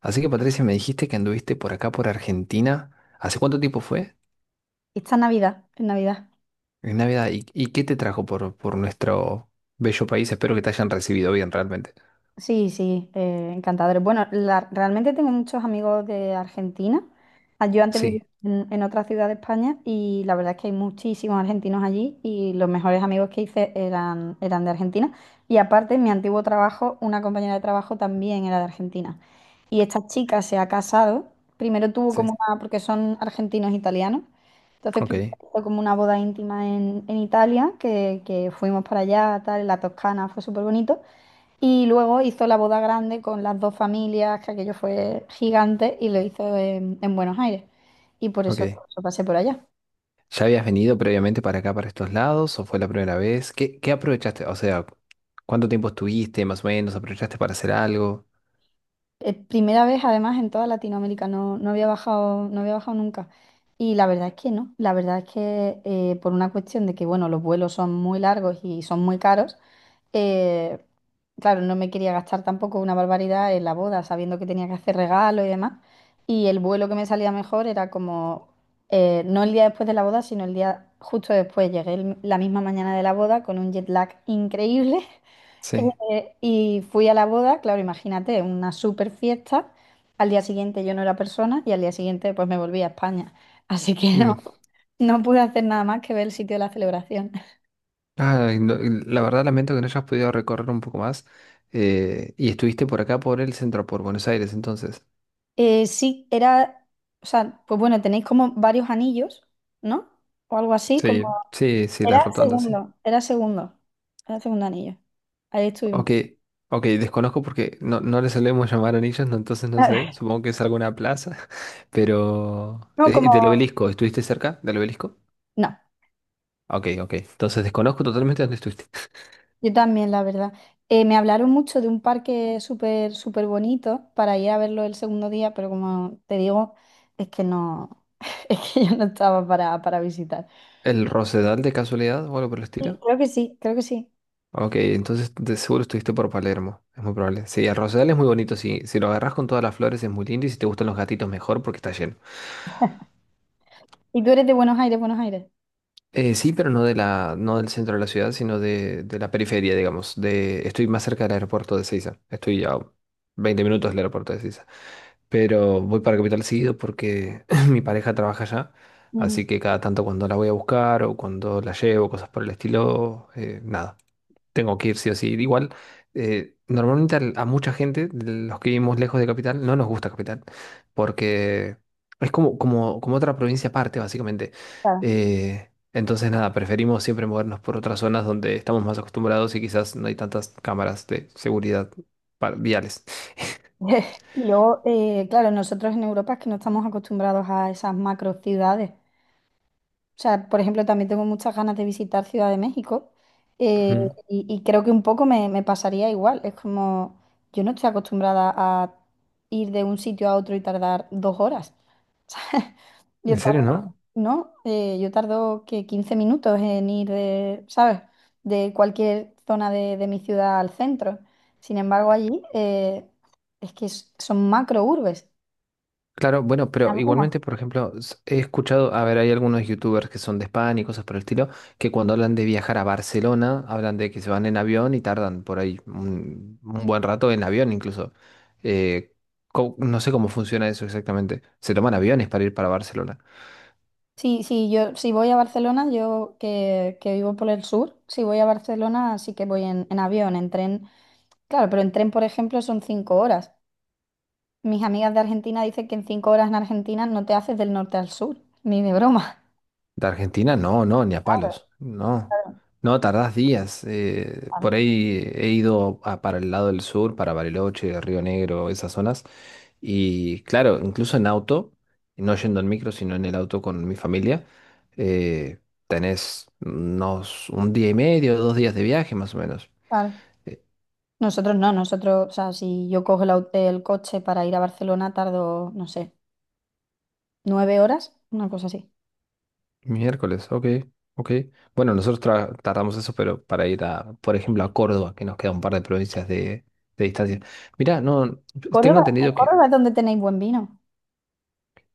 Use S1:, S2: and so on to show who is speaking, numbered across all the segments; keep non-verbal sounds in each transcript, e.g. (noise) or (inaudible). S1: Así que Patricia, me dijiste que anduviste por acá, por Argentina. ¿Hace cuánto tiempo fue?
S2: Esta Navidad, en Navidad.
S1: En Navidad. ¿Y qué te trajo por nuestro bello país? Espero que te hayan recibido bien realmente.
S2: Sí, sí, encantadores. Bueno, realmente tengo muchos amigos de Argentina. Ah, yo antes vivía
S1: Sí,
S2: en otra ciudad de España, y la verdad es que hay muchísimos argentinos allí, y los mejores amigos que hice eran de Argentina. Y aparte, en mi antiguo trabajo, una compañera de trabajo también era de Argentina. Y esta chica se ha casado. Primero tuvo
S1: sí.
S2: como una, porque son argentinos italianos. Entonces,
S1: Ok,
S2: primero fue como una boda íntima en Italia, que fuimos para allá, tal, en la Toscana, fue súper bonito. Y luego hizo la boda grande con las dos familias, que aquello fue gigante, y lo hizo en Buenos Aires. Y
S1: ok.
S2: por eso pasé por allá.
S1: ¿Ya habías venido previamente para acá, para estos lados? ¿O fue la primera vez? ¿Qué aprovechaste? O sea, ¿cuánto tiempo estuviste más o menos? ¿Aprovechaste para hacer algo?
S2: Primera vez, además, en toda Latinoamérica, no, no había bajado, no había bajado nunca. Y la verdad es que no, la verdad es que por una cuestión de que, bueno, los vuelos son muy largos y son muy caros, eh, claro, no me quería gastar tampoco una barbaridad en la boda, sabiendo que tenía que hacer regalo y demás. Y el vuelo que me salía mejor era como, no el día después de la boda, sino el día justo después. Llegué la misma mañana de la boda con un jet lag increíble.
S1: Sí.
S2: Y fui a la boda, claro, imagínate, una super fiesta. Al día siguiente yo no era persona, y al día siguiente pues me volví a España. Así que no,
S1: Mm.
S2: no pude hacer nada más que ver el sitio de la celebración.
S1: Ay, no, la verdad lamento que no hayas podido recorrer un poco más. Y estuviste por acá, por el centro, por Buenos Aires, entonces.
S2: Sí, o sea, pues bueno, tenéis como varios anillos, ¿no? O algo así, como...
S1: Sí, sí, sí, las
S2: Era
S1: rotondas, sí.
S2: segundo, era segundo, era segundo anillo. Ahí estuvimos.
S1: Ok, ok, desconozco porque no, no le solemos llamar anillos, no, entonces no sé,
S2: (laughs)
S1: supongo que es alguna plaza, (laughs) pero
S2: No, como...
S1: del obelisco, ¿estuviste cerca del obelisco?
S2: no.
S1: Ok, ok, entonces desconozco totalmente dónde estuviste.
S2: Yo también, la verdad. Me hablaron mucho de un parque súper, súper bonito para ir a verlo el segundo día, pero como te digo, es que no, (laughs) es que yo no estaba para visitar.
S1: ¿El Rosedal de casualidad o algo por el
S2: Y
S1: estilo?
S2: creo que sí, creo que sí.
S1: Ok, entonces de seguro estuviste por Palermo, es muy probable. Sí, el Rosedal es muy bonito, si, si lo agarras con todas las flores es muy lindo y si te gustan los gatitos mejor porque está lleno.
S2: Y tú eres de Buenos Aires, Buenos Aires.
S1: Sí, pero no de la, no del centro de la ciudad, sino de la periferia, digamos. De, estoy más cerca del aeropuerto de Ceiza. Estoy a 20 minutos del aeropuerto de Ceiza. Pero voy para Capital seguido porque (laughs) (clears throat) mi pareja trabaja allá.
S2: Ujú,
S1: Así que cada tanto cuando la voy a buscar o cuando la llevo, cosas por el estilo, nada. Tengo que ir sí o sí. Igual, normalmente a, mucha gente, de los que vivimos lejos de Capital, no nos gusta Capital, porque es como otra provincia aparte, básicamente.
S2: claro.
S1: Entonces, nada, preferimos siempre movernos por otras zonas donde estamos más acostumbrados y quizás no hay tantas cámaras de seguridad viales.
S2: (laughs) Y luego, claro, nosotros en Europa es que no estamos acostumbrados a esas macro ciudades. O sea, por ejemplo, también tengo muchas ganas de visitar Ciudad de México, eh,
S1: Ujú.
S2: y creo que un poco me pasaría igual. Es como, yo no estoy acostumbrada a ir de un sitio a otro y tardar dos horas. (laughs) O sea,
S1: ¿En
S2: Yo
S1: serio,
S2: tardo,
S1: no?
S2: ¿no? Yo tardo que 15 minutos en ir de, ¿sabes? De cualquier zona de mi ciudad al centro. Sin embargo, allí es que son macro urbes.
S1: Claro, bueno, pero igualmente, por ejemplo, he escuchado, a ver, hay algunos youtubers que son de España y cosas por el estilo, que cuando hablan de viajar a Barcelona, hablan de que se van en avión y tardan por ahí un buen rato en avión incluso. Eh, no sé cómo funciona eso exactamente. ¿Se toman aviones para ir para Barcelona?
S2: Sí, sí, yo si voy a Barcelona, yo que vivo por el sur, si voy a Barcelona sí que voy en avión, en tren. Claro, pero en tren, por ejemplo, son cinco horas. Mis amigas de Argentina dicen que en cinco horas en Argentina no te haces del norte al sur, ni de broma.
S1: De Argentina, no, no, ni a
S2: Claro,
S1: palos. No,
S2: claro,
S1: no, tardás días.
S2: claro.
S1: Por ahí he ido para el lado del sur, para Bariloche, Río Negro, esas zonas. Y claro, incluso en auto, no yendo en micro, sino en el auto con mi familia, eh, tenés unos un día y medio, dos días de viaje más o menos.
S2: Claro.
S1: Eh,
S2: Nosotros no, nosotros, o sea, si yo cojo el, el coche para ir a Barcelona, tardo, no sé, nueve horas, una cosa así.
S1: Miércoles, ok, ok. Bueno, nosotros tardamos eso, pero para ir a, por ejemplo, a Córdoba, que nos queda un par de provincias de distancia. Mirá, no, tengo
S2: Córdoba, en
S1: entendido que
S2: Córdoba es donde tenéis buen vino.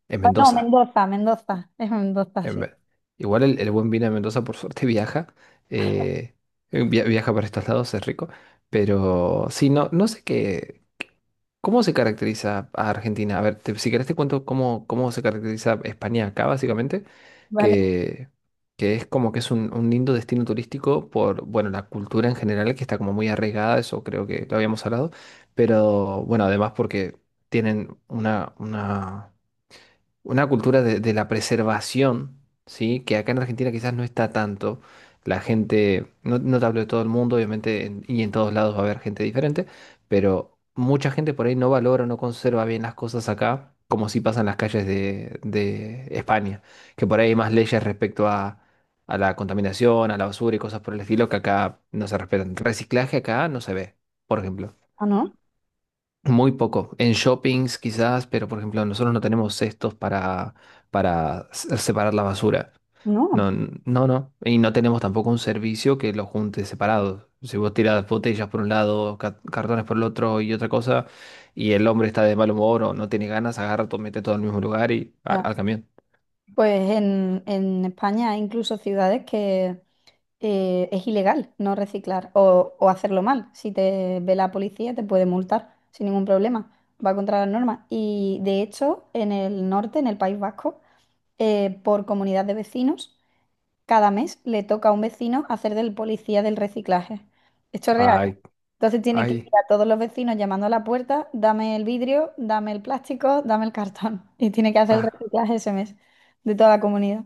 S1: en
S2: Ah, no,
S1: Mendoza,
S2: Mendoza, Mendoza, es Mendoza,
S1: en
S2: sí.
S1: ve- igual el buen vino de Mendoza, por suerte, (laughs) viaja, eh, viaja para estos lados, es rico, pero sí, no, no sé qué. ¿Cómo se caracteriza a Argentina? A ver, si querés te cuento cómo se caracteriza España acá, básicamente,
S2: Vale.
S1: que, que es como que es un lindo destino turístico por, bueno, la cultura en general, que está como muy arraigada, eso creo que lo habíamos hablado, pero bueno, además porque tienen una cultura de la preservación, ¿sí? Que acá en Argentina quizás no está tanto. La gente, no, no te hablo de todo el mundo, obviamente, y en todos lados va a haber gente diferente, pero mucha gente por ahí no valora o no conserva bien las cosas acá, como si pasa en las calles de España, que por ahí hay más leyes respecto a la contaminación, a la basura y cosas por el estilo que acá no se respetan. Reciclaje acá no se ve, por ejemplo.
S2: Ah, no,
S1: Muy poco. En shoppings quizás, pero por ejemplo, nosotros no tenemos cestos para separar la basura. No,
S2: no.
S1: no, no. Y no tenemos tampoco un servicio que lo junte separado. Si vos tirás botellas por un lado, cartones por el otro y otra cosa, y el hombre está de mal humor o no tiene ganas, agarra todo, mete todo al mismo lugar y
S2: Ya,
S1: al camión.
S2: pues en España hay incluso ciudades que es ilegal no reciclar o hacerlo mal. Si te ve la policía te puede multar sin ningún problema, va contra las normas. Y de hecho en el norte, en el País Vasco, por comunidad de vecinos cada mes le toca a un vecino hacer del policía del reciclaje. Esto es real. ¿Eh?
S1: Ay,
S2: Entonces tiene que ir
S1: ay,
S2: a todos los vecinos llamando a la puerta, dame el vidrio, dame el plástico, dame el cartón. (laughs) Y tiene que hacer el
S1: ah.
S2: reciclaje ese mes de toda la comunidad.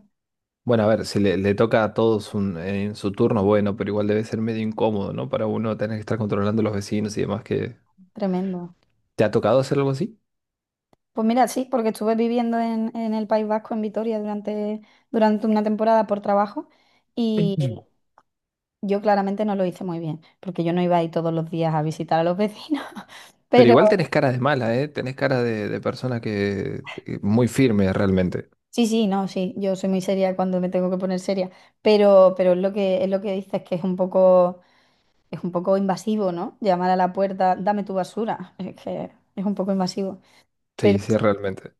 S1: Bueno, a ver, si le toca a todos en su turno, bueno, pero igual debe ser medio incómodo, ¿no? Para uno tener que estar controlando a los vecinos y demás que
S2: Tremendo.
S1: ¿te ha tocado hacer algo así?
S2: Pues mira, sí, porque estuve viviendo en el País Vasco, en Vitoria, durante una temporada por trabajo, y
S1: (clears throat)
S2: yo claramente no lo hice muy bien, porque yo no iba ahí todos los días a visitar a los vecinos, (laughs)
S1: Pero
S2: pero...
S1: igual tenés cara de mala, ¿eh? Tenés cara de persona que muy firme realmente.
S2: Sí, sí, no, sí, yo soy muy seria cuando me tengo que poner seria, pero es lo que dices, que es un poco invasivo, ¿no? Llamar a la puerta, dame tu basura, (laughs) es que es un poco invasivo.
S1: Sí,
S2: Pero,
S1: sí, realmente.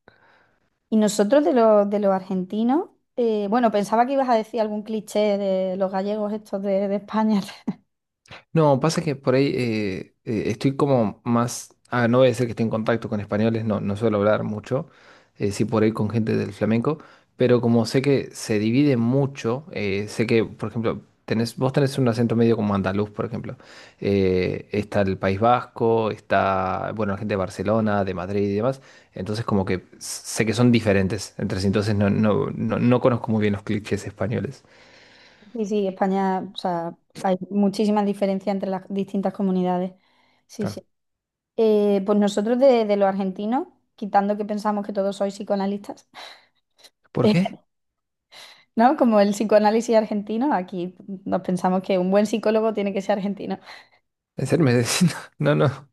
S2: y nosotros de de los argentinos, bueno, pensaba que ibas a decir algún cliché de los gallegos estos de España. (laughs)
S1: No, pasa que por ahí estoy como más. Ah, no voy a decir que estoy en contacto con españoles, no, no suelo hablar mucho, sí por ahí con gente del flamenco, pero como sé que se divide mucho, sé que, por ejemplo, vos tenés un acento medio como andaluz, por ejemplo. Está el País Vasco, está, bueno, la gente de Barcelona, de Madrid y demás, entonces como que sé que son diferentes entre sí, entonces no, no, no, no conozco muy bien los clichés españoles.
S2: Sí, sí, España, o sea, hay muchísimas diferencias entre las distintas comunidades. Sí,
S1: Claro.
S2: sí. Pues nosotros de los argentinos, quitando que pensamos que todos sois psicoanalistas.
S1: ¿Por
S2: (laughs)
S1: qué?
S2: ¿No? Como el psicoanálisis argentino, aquí nos pensamos que un buen psicólogo tiene que ser argentino.
S1: ¿En serio me decís? (laughs) No, no.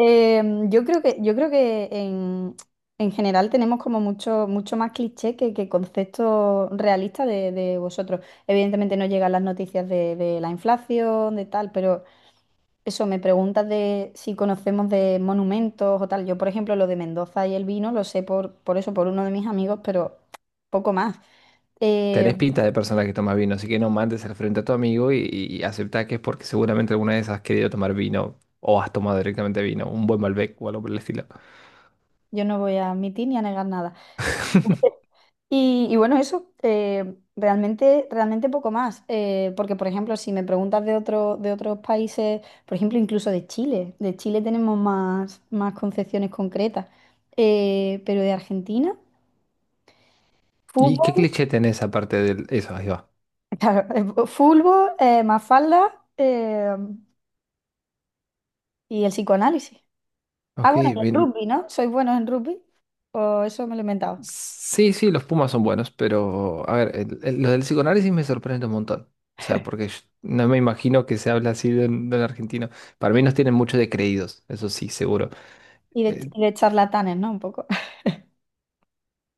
S2: Eh, yo creo que, yo creo que en general tenemos como mucho, mucho más cliché que concepto realista de vosotros. Evidentemente no llegan las noticias de la inflación, de tal, pero eso, me preguntas de si conocemos de monumentos o tal. Yo, por ejemplo, lo de Mendoza y el vino lo sé por eso, por uno de mis amigos, pero poco más. Eh,
S1: Tenés pinta de persona que toma vino, así que no mandes al frente a tu amigo y aceptá que es porque seguramente alguna vez has querido tomar vino o has tomado directamente vino, un buen Malbec o algo por el estilo.
S2: yo no voy a admitir ni a negar nada.
S1: (laughs)
S2: Y bueno, eso, realmente, realmente poco más. Porque, por ejemplo, si me preguntas de otro, de otros países, por ejemplo, incluso de Chile tenemos más, más concepciones concretas. Pero de Argentina,
S1: ¿Y qué
S2: fútbol,
S1: cliché tenés aparte de eso? Ahí va.
S2: (laughs) claro, fútbol, Mafalda, y el psicoanálisis. Ah,
S1: Ok,
S2: bueno, y el
S1: bien.
S2: rugby, ¿no? ¿Sois buenos en rugby? O eso me lo he inventado.
S1: Sí, sí, los Pumas son buenos, pero a ver, lo del psicoanálisis me sorprende un montón. O sea, porque yo no me imagino que se habla así de un argentino. Para mí nos tienen mucho de creídos, eso sí, seguro. Eh,
S2: Y de charlatanes, ¿no? Un poco.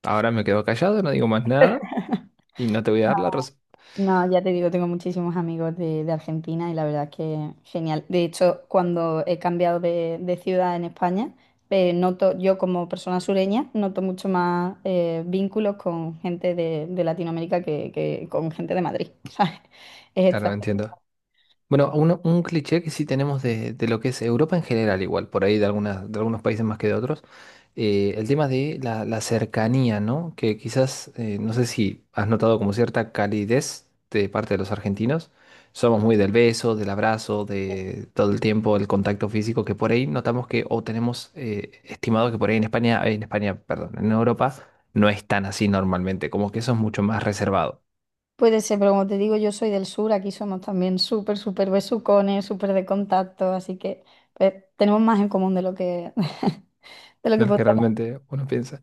S1: Ahora me quedo callado, no digo más nada
S2: (laughs)
S1: y no te voy a dar la razón.
S2: No, ya te digo, tengo muchísimos amigos de Argentina, y la verdad es que genial. De hecho, cuando he cambiado de ciudad en España, noto, yo como persona sureña, noto mucho más vínculos con gente de Latinoamérica que con gente de Madrid, (laughs) ¿sabes? Es
S1: Claro,
S2: extraño.
S1: entiendo. Bueno, un cliché que sí tenemos de lo que es Europa en general, igual, por ahí de, algunas, de algunos países más que de otros, el tema de la, la cercanía, ¿no? Que quizás, no sé si has notado como cierta calidez de parte de los argentinos. Somos muy del beso, del abrazo, de todo el tiempo, el contacto físico, que por ahí notamos que, o tenemos estimado que por ahí en España, perdón, en Europa no es tan así normalmente, como que eso es mucho más reservado
S2: Puede ser, pero como te digo, yo soy del sur, aquí somos también súper, súper besucones, súper de contacto, así que pues, tenemos más en común de lo que, (laughs) de lo que
S1: de lo que
S2: podría
S1: realmente uno piensa.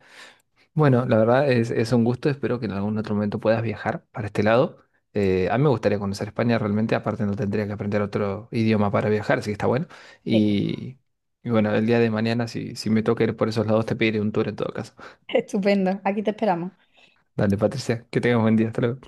S1: Bueno, la verdad es un gusto, espero que en algún otro momento puedas viajar para este lado. A mí me gustaría conocer España realmente, aparte no tendría que aprender otro idioma para viajar, así que está bueno.
S2: parecer.
S1: Y, y bueno, el día de mañana, si, si me toca ir por esos lados, te pediré un tour en todo caso.
S2: (laughs) Estupendo, aquí te esperamos.
S1: Dale, Patricia, que tengas buen día, hasta luego.